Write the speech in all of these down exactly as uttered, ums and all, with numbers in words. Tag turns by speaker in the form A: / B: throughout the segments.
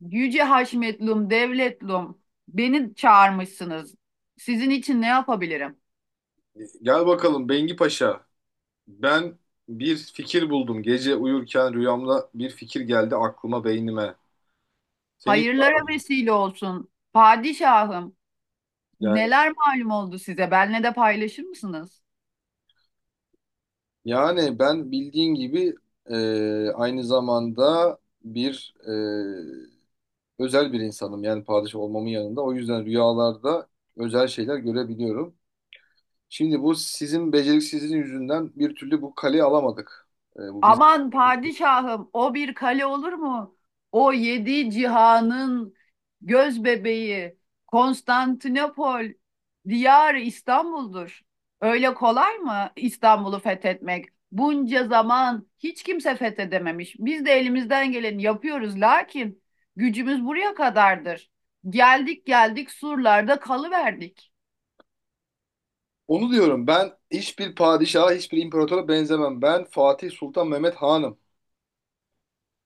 A: Yüce Haşmetlum, Devletlum, beni çağırmışsınız. Sizin için ne yapabilirim?
B: Gel bakalım Bengi Paşa. Ben bir fikir buldum. Gece uyurken rüyamda bir fikir geldi aklıma, beynime. Seni hiç
A: Hayırlara
B: var.
A: vesile olsun. Padişahım,
B: Yani,
A: neler malum oldu size? Benle de paylaşır mısınız?
B: yani ben bildiğin gibi e, aynı zamanda bir e, özel bir insanım. Yani padişah olmamın yanında. O yüzden rüyalarda özel şeyler görebiliyorum. Şimdi bu sizin beceriksizliğin yüzünden bir türlü bu kaleyi alamadık. E, bu biz
A: Aman padişahım o bir kale olur mu? O yedi cihanın göz bebeği Konstantinopol, diyar İstanbul'dur. Öyle kolay mı İstanbul'u fethetmek? Bunca zaman hiç kimse fethedememiş. Biz de elimizden geleni yapıyoruz lakin gücümüz buraya kadardır. Geldik geldik surlarda kalıverdik.
B: onu diyorum. Ben hiçbir padişaha, hiçbir imparatora benzemem. Ben Fatih Sultan Mehmet Hanım.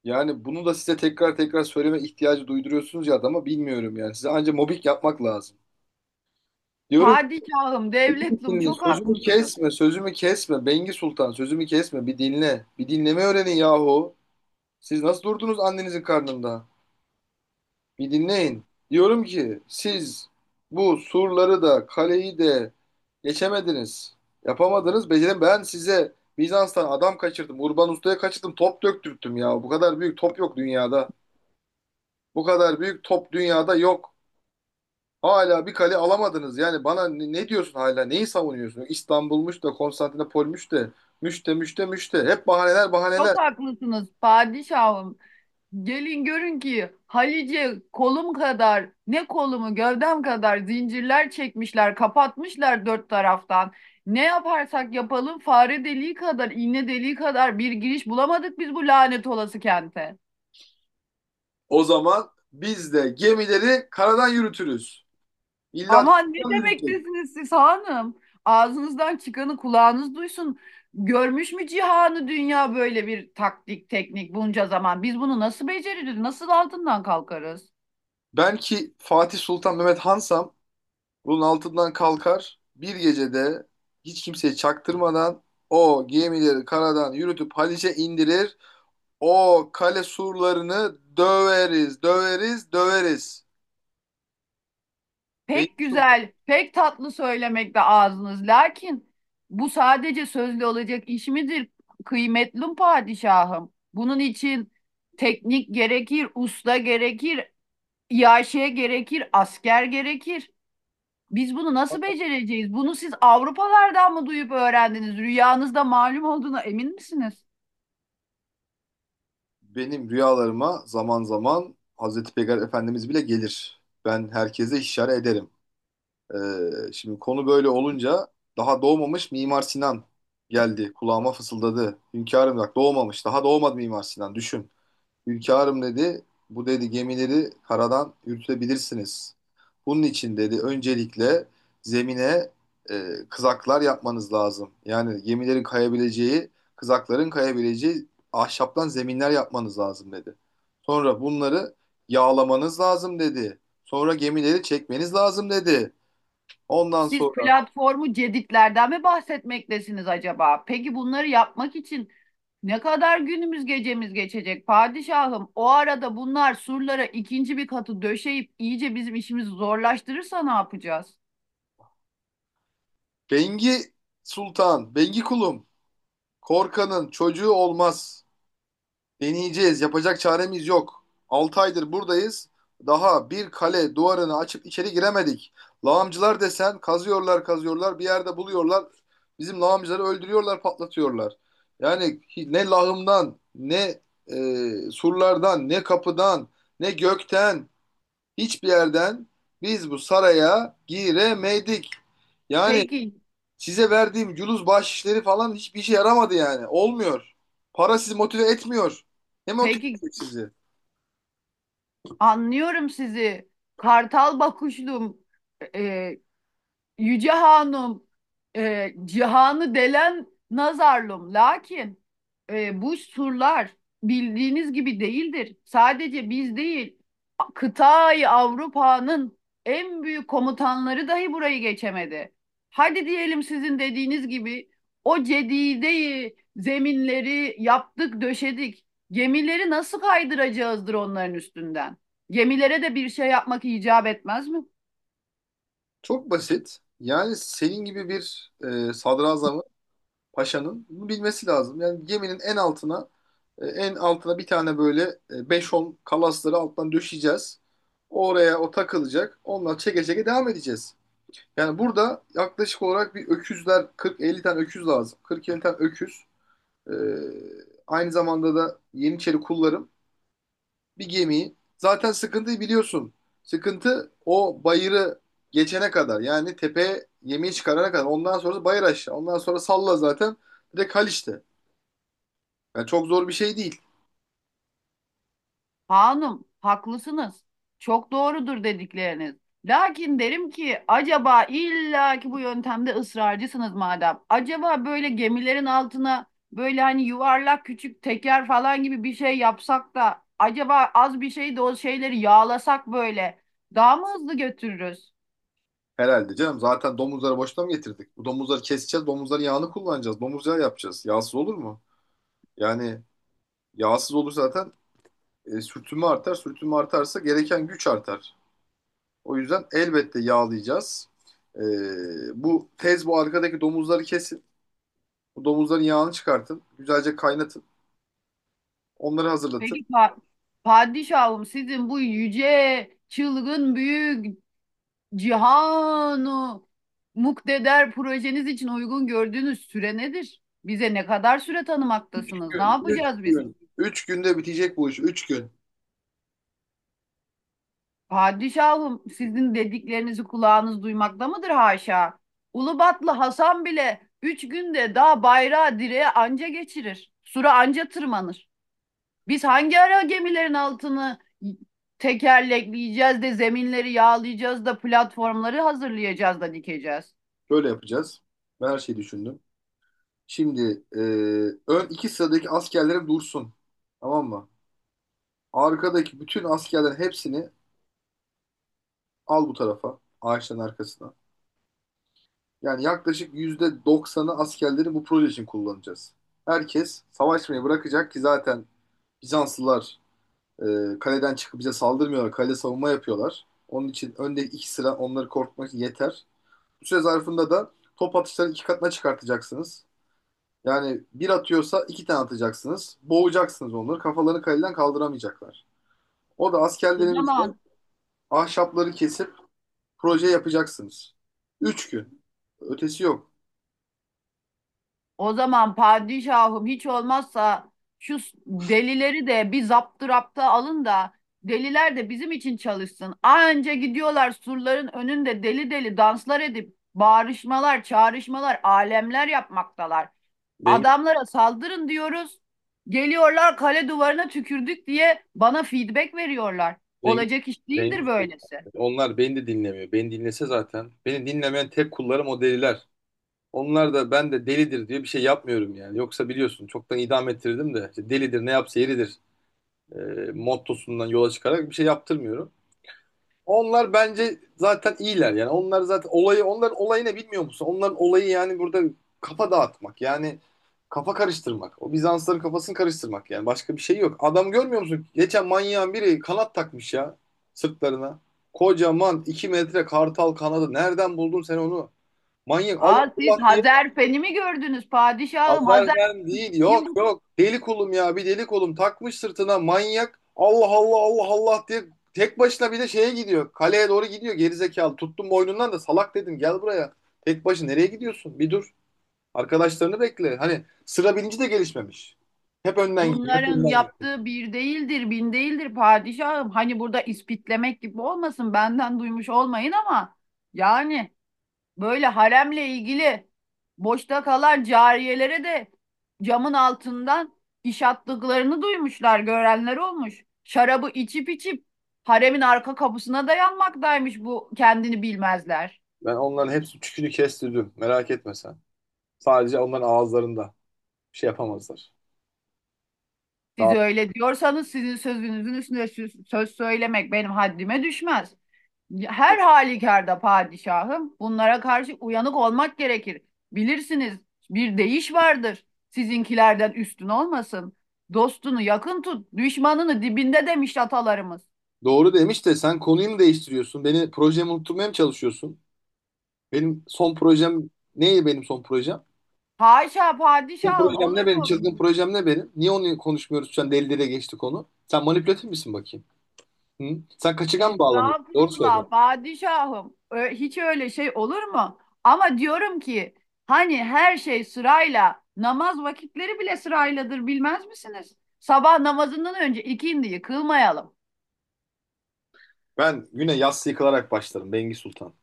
B: Yani bunu da size tekrar tekrar söyleme ihtiyacı duyduruyorsunuz ya adama, bilmiyorum yani. Size anca mobbing yapmak lazım. Diyorum ki,
A: Padişahım,
B: "Beni
A: devletlum
B: dinle,
A: çok
B: sözümü
A: haklısınız.
B: kesme, sözümü kesme. Bengi Sultan sözümü kesme, bir dinle. Bir dinleme öğrenin yahu. Siz nasıl durdunuz annenizin karnında? Bir dinleyin. Diyorum ki siz bu surları da kaleyi de geçemediniz. Yapamadınız. Becerim ben size Bizans'tan adam kaçırdım. Urban Usta'ya kaçırdım. Top döktürttüm ya. Bu kadar büyük top yok dünyada. Bu kadar büyük top dünyada yok. Hala bir kale alamadınız. Yani bana ne, ne diyorsun hala? Neyi savunuyorsun? İstanbul'muş da, Konstantinopolmuş da, müşte müşte müşte. Hep bahaneler, bahaneler.
A: Çok haklısınız padişahım. Gelin görün ki Halice kolum kadar ne kolumu gövdem kadar zincirler çekmişler kapatmışlar dört taraftan. Ne yaparsak yapalım fare deliği kadar iğne deliği kadar bir giriş bulamadık biz bu lanet olası kente.
B: O zaman biz de gemileri karadan yürütürüz. İlla
A: Aman ne
B: denizden yürütürüz.
A: demektesiniz siz hanım? Ağzınızdan çıkanı kulağınız duysun. Görmüş mü cihanı dünya böyle bir taktik teknik bunca zaman? Biz bunu nasıl beceririz? Nasıl altından kalkarız?
B: Ben ki Fatih Sultan Mehmet Hansam, bunun altından kalkar. Bir gecede hiç kimseye çaktırmadan o gemileri karadan yürütüp Haliç'e indirir. O kale surlarını döveriz, döveriz, döveriz.
A: Pek
B: Beylikdüzü,
A: güzel, pek tatlı söylemekte ağzınız. Lakin bu sadece sözlü olacak iş midir? Kıymetli padişahım. Bunun için teknik gerekir, usta gerekir, iaşe gerekir, asker gerekir. Biz bunu nasıl becereceğiz? Bunu siz Avrupalardan mı duyup öğrendiniz? Rüyanızda malum olduğuna emin misiniz?
B: benim rüyalarıma zaman zaman Hazreti Peygamber Efendimiz bile gelir. Ben herkese işaret ederim. Ee, şimdi konu böyle olunca daha doğmamış Mimar Sinan geldi. Kulağıma fısıldadı. Hünkârım bak, doğmamış. Daha doğmadı Mimar Sinan. Düşün. Hünkârım dedi, bu dedi gemileri karadan yürütebilirsiniz. Bunun için dedi öncelikle zemine e, kızaklar yapmanız lazım. Yani gemilerin kayabileceği, kızakların kayabileceği ahşaptan zeminler yapmanız lazım dedi. Sonra bunları yağlamanız lazım dedi. Sonra gemileri çekmeniz lazım dedi. Ondan
A: Siz
B: sonra
A: platformu ceditlerden mi bahsetmektesiniz acaba? Peki bunları yapmak için ne kadar günümüz gecemiz geçecek padişahım? O arada bunlar surlara ikinci bir katı döşeyip iyice bizim işimizi zorlaştırırsa ne yapacağız?
B: Bengi Sultan, Bengi kulum, korkanın çocuğu olmaz. Deneyeceğiz. Yapacak çaremiz yok. altı aydır buradayız. Daha bir kale duvarını açıp içeri giremedik. Lağımcılar desen kazıyorlar kazıyorlar, bir yerde buluyorlar. Bizim lağımcıları öldürüyorlar, patlatıyorlar. Yani ne lağımdan, ne e, surlardan, ne kapıdan, ne gökten, hiçbir yerden biz bu saraya giremedik. Yani
A: Peki,
B: Size verdiğim culuz bahşişleri falan hiçbir işe yaramadı yani. Olmuyor. Para sizi motive etmiyor. Ne motive
A: peki
B: edecek sizi?
A: anlıyorum sizi. Kartal bakışlım, e, Yüce Hanım, e, cihanı delen nazarlım. Lakin e, bu surlar bildiğiniz gibi değildir. Sadece biz değil, kıtayı Avrupa'nın en büyük komutanları dahi burayı geçemedi. Hadi diyelim sizin dediğiniz gibi o cedideyi, zeminleri yaptık, döşedik. Gemileri nasıl kaydıracağızdır onların üstünden? Gemilere de bir şey yapmak icap etmez mi?
B: Çok basit. Yani senin gibi bir e, sadrazamın, paşanın bunu bilmesi lazım. Yani geminin en altına, e, en altına bir tane böyle e, beş on kalasları alttan döşeyeceğiz. Oraya o takılacak. Onlar çeke çeke devam edeceğiz. Yani burada yaklaşık olarak bir öküzler, kırk elli tane öküz lazım. kırk elli tane öküz. E, aynı zamanda da Yeniçeri kullarım. bir gemiyi. Zaten sıkıntıyı biliyorsun. Sıkıntı o bayırı geçene kadar. Yani tepeye yemeği çıkarana kadar. Ondan sonra bayır aşağı. Ondan sonra salla zaten. Direkt Haliç'te. Yani çok zor bir şey değil
A: Hanım, haklısınız. Çok doğrudur dedikleriniz. Lakin derim ki acaba illa ki bu yöntemde ısrarcısınız madem. Acaba böyle gemilerin altına böyle hani yuvarlak küçük teker falan gibi bir şey yapsak da acaba az bir şey de o şeyleri yağlasak böyle daha mı hızlı götürürüz?
B: herhalde canım. Zaten domuzları boşuna mı getirdik? Bu domuzları keseceğiz. Domuzların yağını kullanacağız. Domuz yağı yapacağız. Yağsız olur mu? Yani yağsız olur zaten, e, sürtünme artar. Sürtünme artarsa gereken güç artar. O yüzden elbette yağlayacağız. E, bu tez bu arkadaki domuzları kes. Bu domuzların yağını çıkartın. Güzelce kaynatın. Onları hazırlatın.
A: Peki pa- padişahım sizin bu yüce, çılgın, büyük Cihanu Mukdeder projeniz için uygun gördüğünüz süre nedir? Bize ne kadar süre
B: üç
A: tanımaktasınız? Ne
B: gün, üç
A: yapacağız biz?
B: gün. Üç günde bitecek bu iş. Üç gün.
A: Padişahım, sizin dediklerinizi kulağınız duymakta mıdır haşa? Ulubatlı Hasan bile üç günde daha bayrağı direğe anca geçirir. Sura anca tırmanır. Biz hangi ara gemilerin altını tekerlekleyeceğiz de zeminleri yağlayacağız da platformları hazırlayacağız da dikeceğiz?
B: Böyle yapacağız. Ben her şeyi düşündüm. Şimdi e, ön iki sıradaki askerlerim dursun. Tamam mı? Arkadaki bütün askerlerin hepsini al bu tarafa. Ağaçların arkasına. Yani yaklaşık yüzde doksanı askerleri bu proje için kullanacağız. Herkes savaşmayı bırakacak ki zaten Bizanslılar Ee, kaleden çıkıp bize saldırmıyorlar. Kale savunma yapıyorlar. Onun için önde iki sıra onları korkutmak yeter. Bu süre zarfında da top atışlarını iki katına çıkartacaksınız. Yani bir atıyorsa iki tane atacaksınız. Boğacaksınız onları. Kafalarını kaleden kaldıramayacaklar. O da
A: Ne
B: askerlerimizle
A: zaman?
B: ahşapları kesip proje yapacaksınız. Üç gün. Ötesi yok.
A: O zaman padişahım hiç olmazsa şu s- delileri de bir zaptırapta alın da deliler de bizim için çalışsın. Anca gidiyorlar surların önünde deli deli danslar edip bağrışmalar, çağrışmalar, alemler yapmaktalar.
B: Beni,
A: Adamlara saldırın diyoruz. Geliyorlar kale duvarına tükürdük diye bana feedback veriyorlar.
B: beni,
A: Olacak iş
B: beni
A: değildir böylesi.
B: dinlemiyor. Beni dinlese zaten. Beni dinlemeyen tek kullarım o deliler. Onlar da ben de delidir diye bir şey yapmıyorum yani. Yoksa biliyorsun çoktan idam ettirdim de, işte delidir ne yapsa yeridir e, mottosundan yola çıkarak bir şey yaptırmıyorum. Onlar bence zaten iyiler yani. Onlar zaten olayı, onların olayı ne, bilmiyor musun? Onların olayı yani burada kafa dağıtmak, yani kafa karıştırmak. O Bizansların kafasını karıştırmak, yani başka bir şey yok. Adam, görmüyor musun? Geçen manyağın biri kanat takmış ya sırtlarına. Kocaman iki metre kartal kanadı. Nereden buldun sen onu? Manyak, Allah
A: Aa, siz
B: Allah diye,
A: Hazerfen'i mi gördünüz padişahım?
B: Azerben değil.
A: Hazerfen'in
B: Yok
A: bu
B: yok. Deli kolum ya. Bir deli kolum takmış sırtına manyak. Allah Allah Allah Allah diye tek başına bir de şeye gidiyor. Kaleye doğru gidiyor gerizekalı. Tuttum boynundan da salak dedim gel buraya. Tek başına nereye gidiyorsun? Bir dur. Arkadaşlarını bekle. Hani sıra bilinci de gelişmemiş. Hep önden gidiyor. Hep
A: bunların
B: önden gidiyor.
A: yaptığı bir değildir, bin değildir padişahım. Hani burada ispitlemek gibi olmasın, benden duymuş olmayın ama yani böyle haremle ilgili boşta kalan cariyelere de camın altından iş attıklarını duymuşlar, görenler olmuş. Şarabı içip içip haremin arka kapısına dayanmaktaymış bu kendini bilmezler.
B: Ben onların hepsi tükünü kestirdim. Merak etme sen. Sadece onların ağızlarında. Bir şey yapamazlar.
A: Siz
B: Rahat.
A: öyle diyorsanız sizin sözünüzün üstüne sö- söz söylemek benim haddime düşmez. Her halükarda padişahım bunlara karşı uyanık olmak gerekir. Bilirsiniz bir deyiş vardır. Sizinkilerden üstün olmasın. Dostunu yakın tut, düşmanını dibinde demiş atalarımız.
B: Doğru demiş de sen konuyu mu değiştiriyorsun? Beni projemi unutturmaya mı çalışıyorsun? Benim son projem neydi, benim son projem?
A: Haşa
B: Çılgın
A: padişahım
B: projem
A: olur
B: ne benim?
A: mu?
B: Çılgın projem ne benim? Niye onu konuşmuyoruz şu an? Deli deliye geçti konu. Sen manipülatif misin bakayım? Hı? Sen kaçıgan mı bağlanıyorsun? Doğru söylüyorsun.
A: Estağfurullah padişahım. Ö- hiç öyle şey olur mu? Ama diyorum ki hani her şey sırayla namaz vakitleri bile sırayladır bilmez misiniz? Sabah namazından önce ikindi yıkılmayalım.
B: Ben güne yassı yıkılarak başlarım, Bengi Sultan.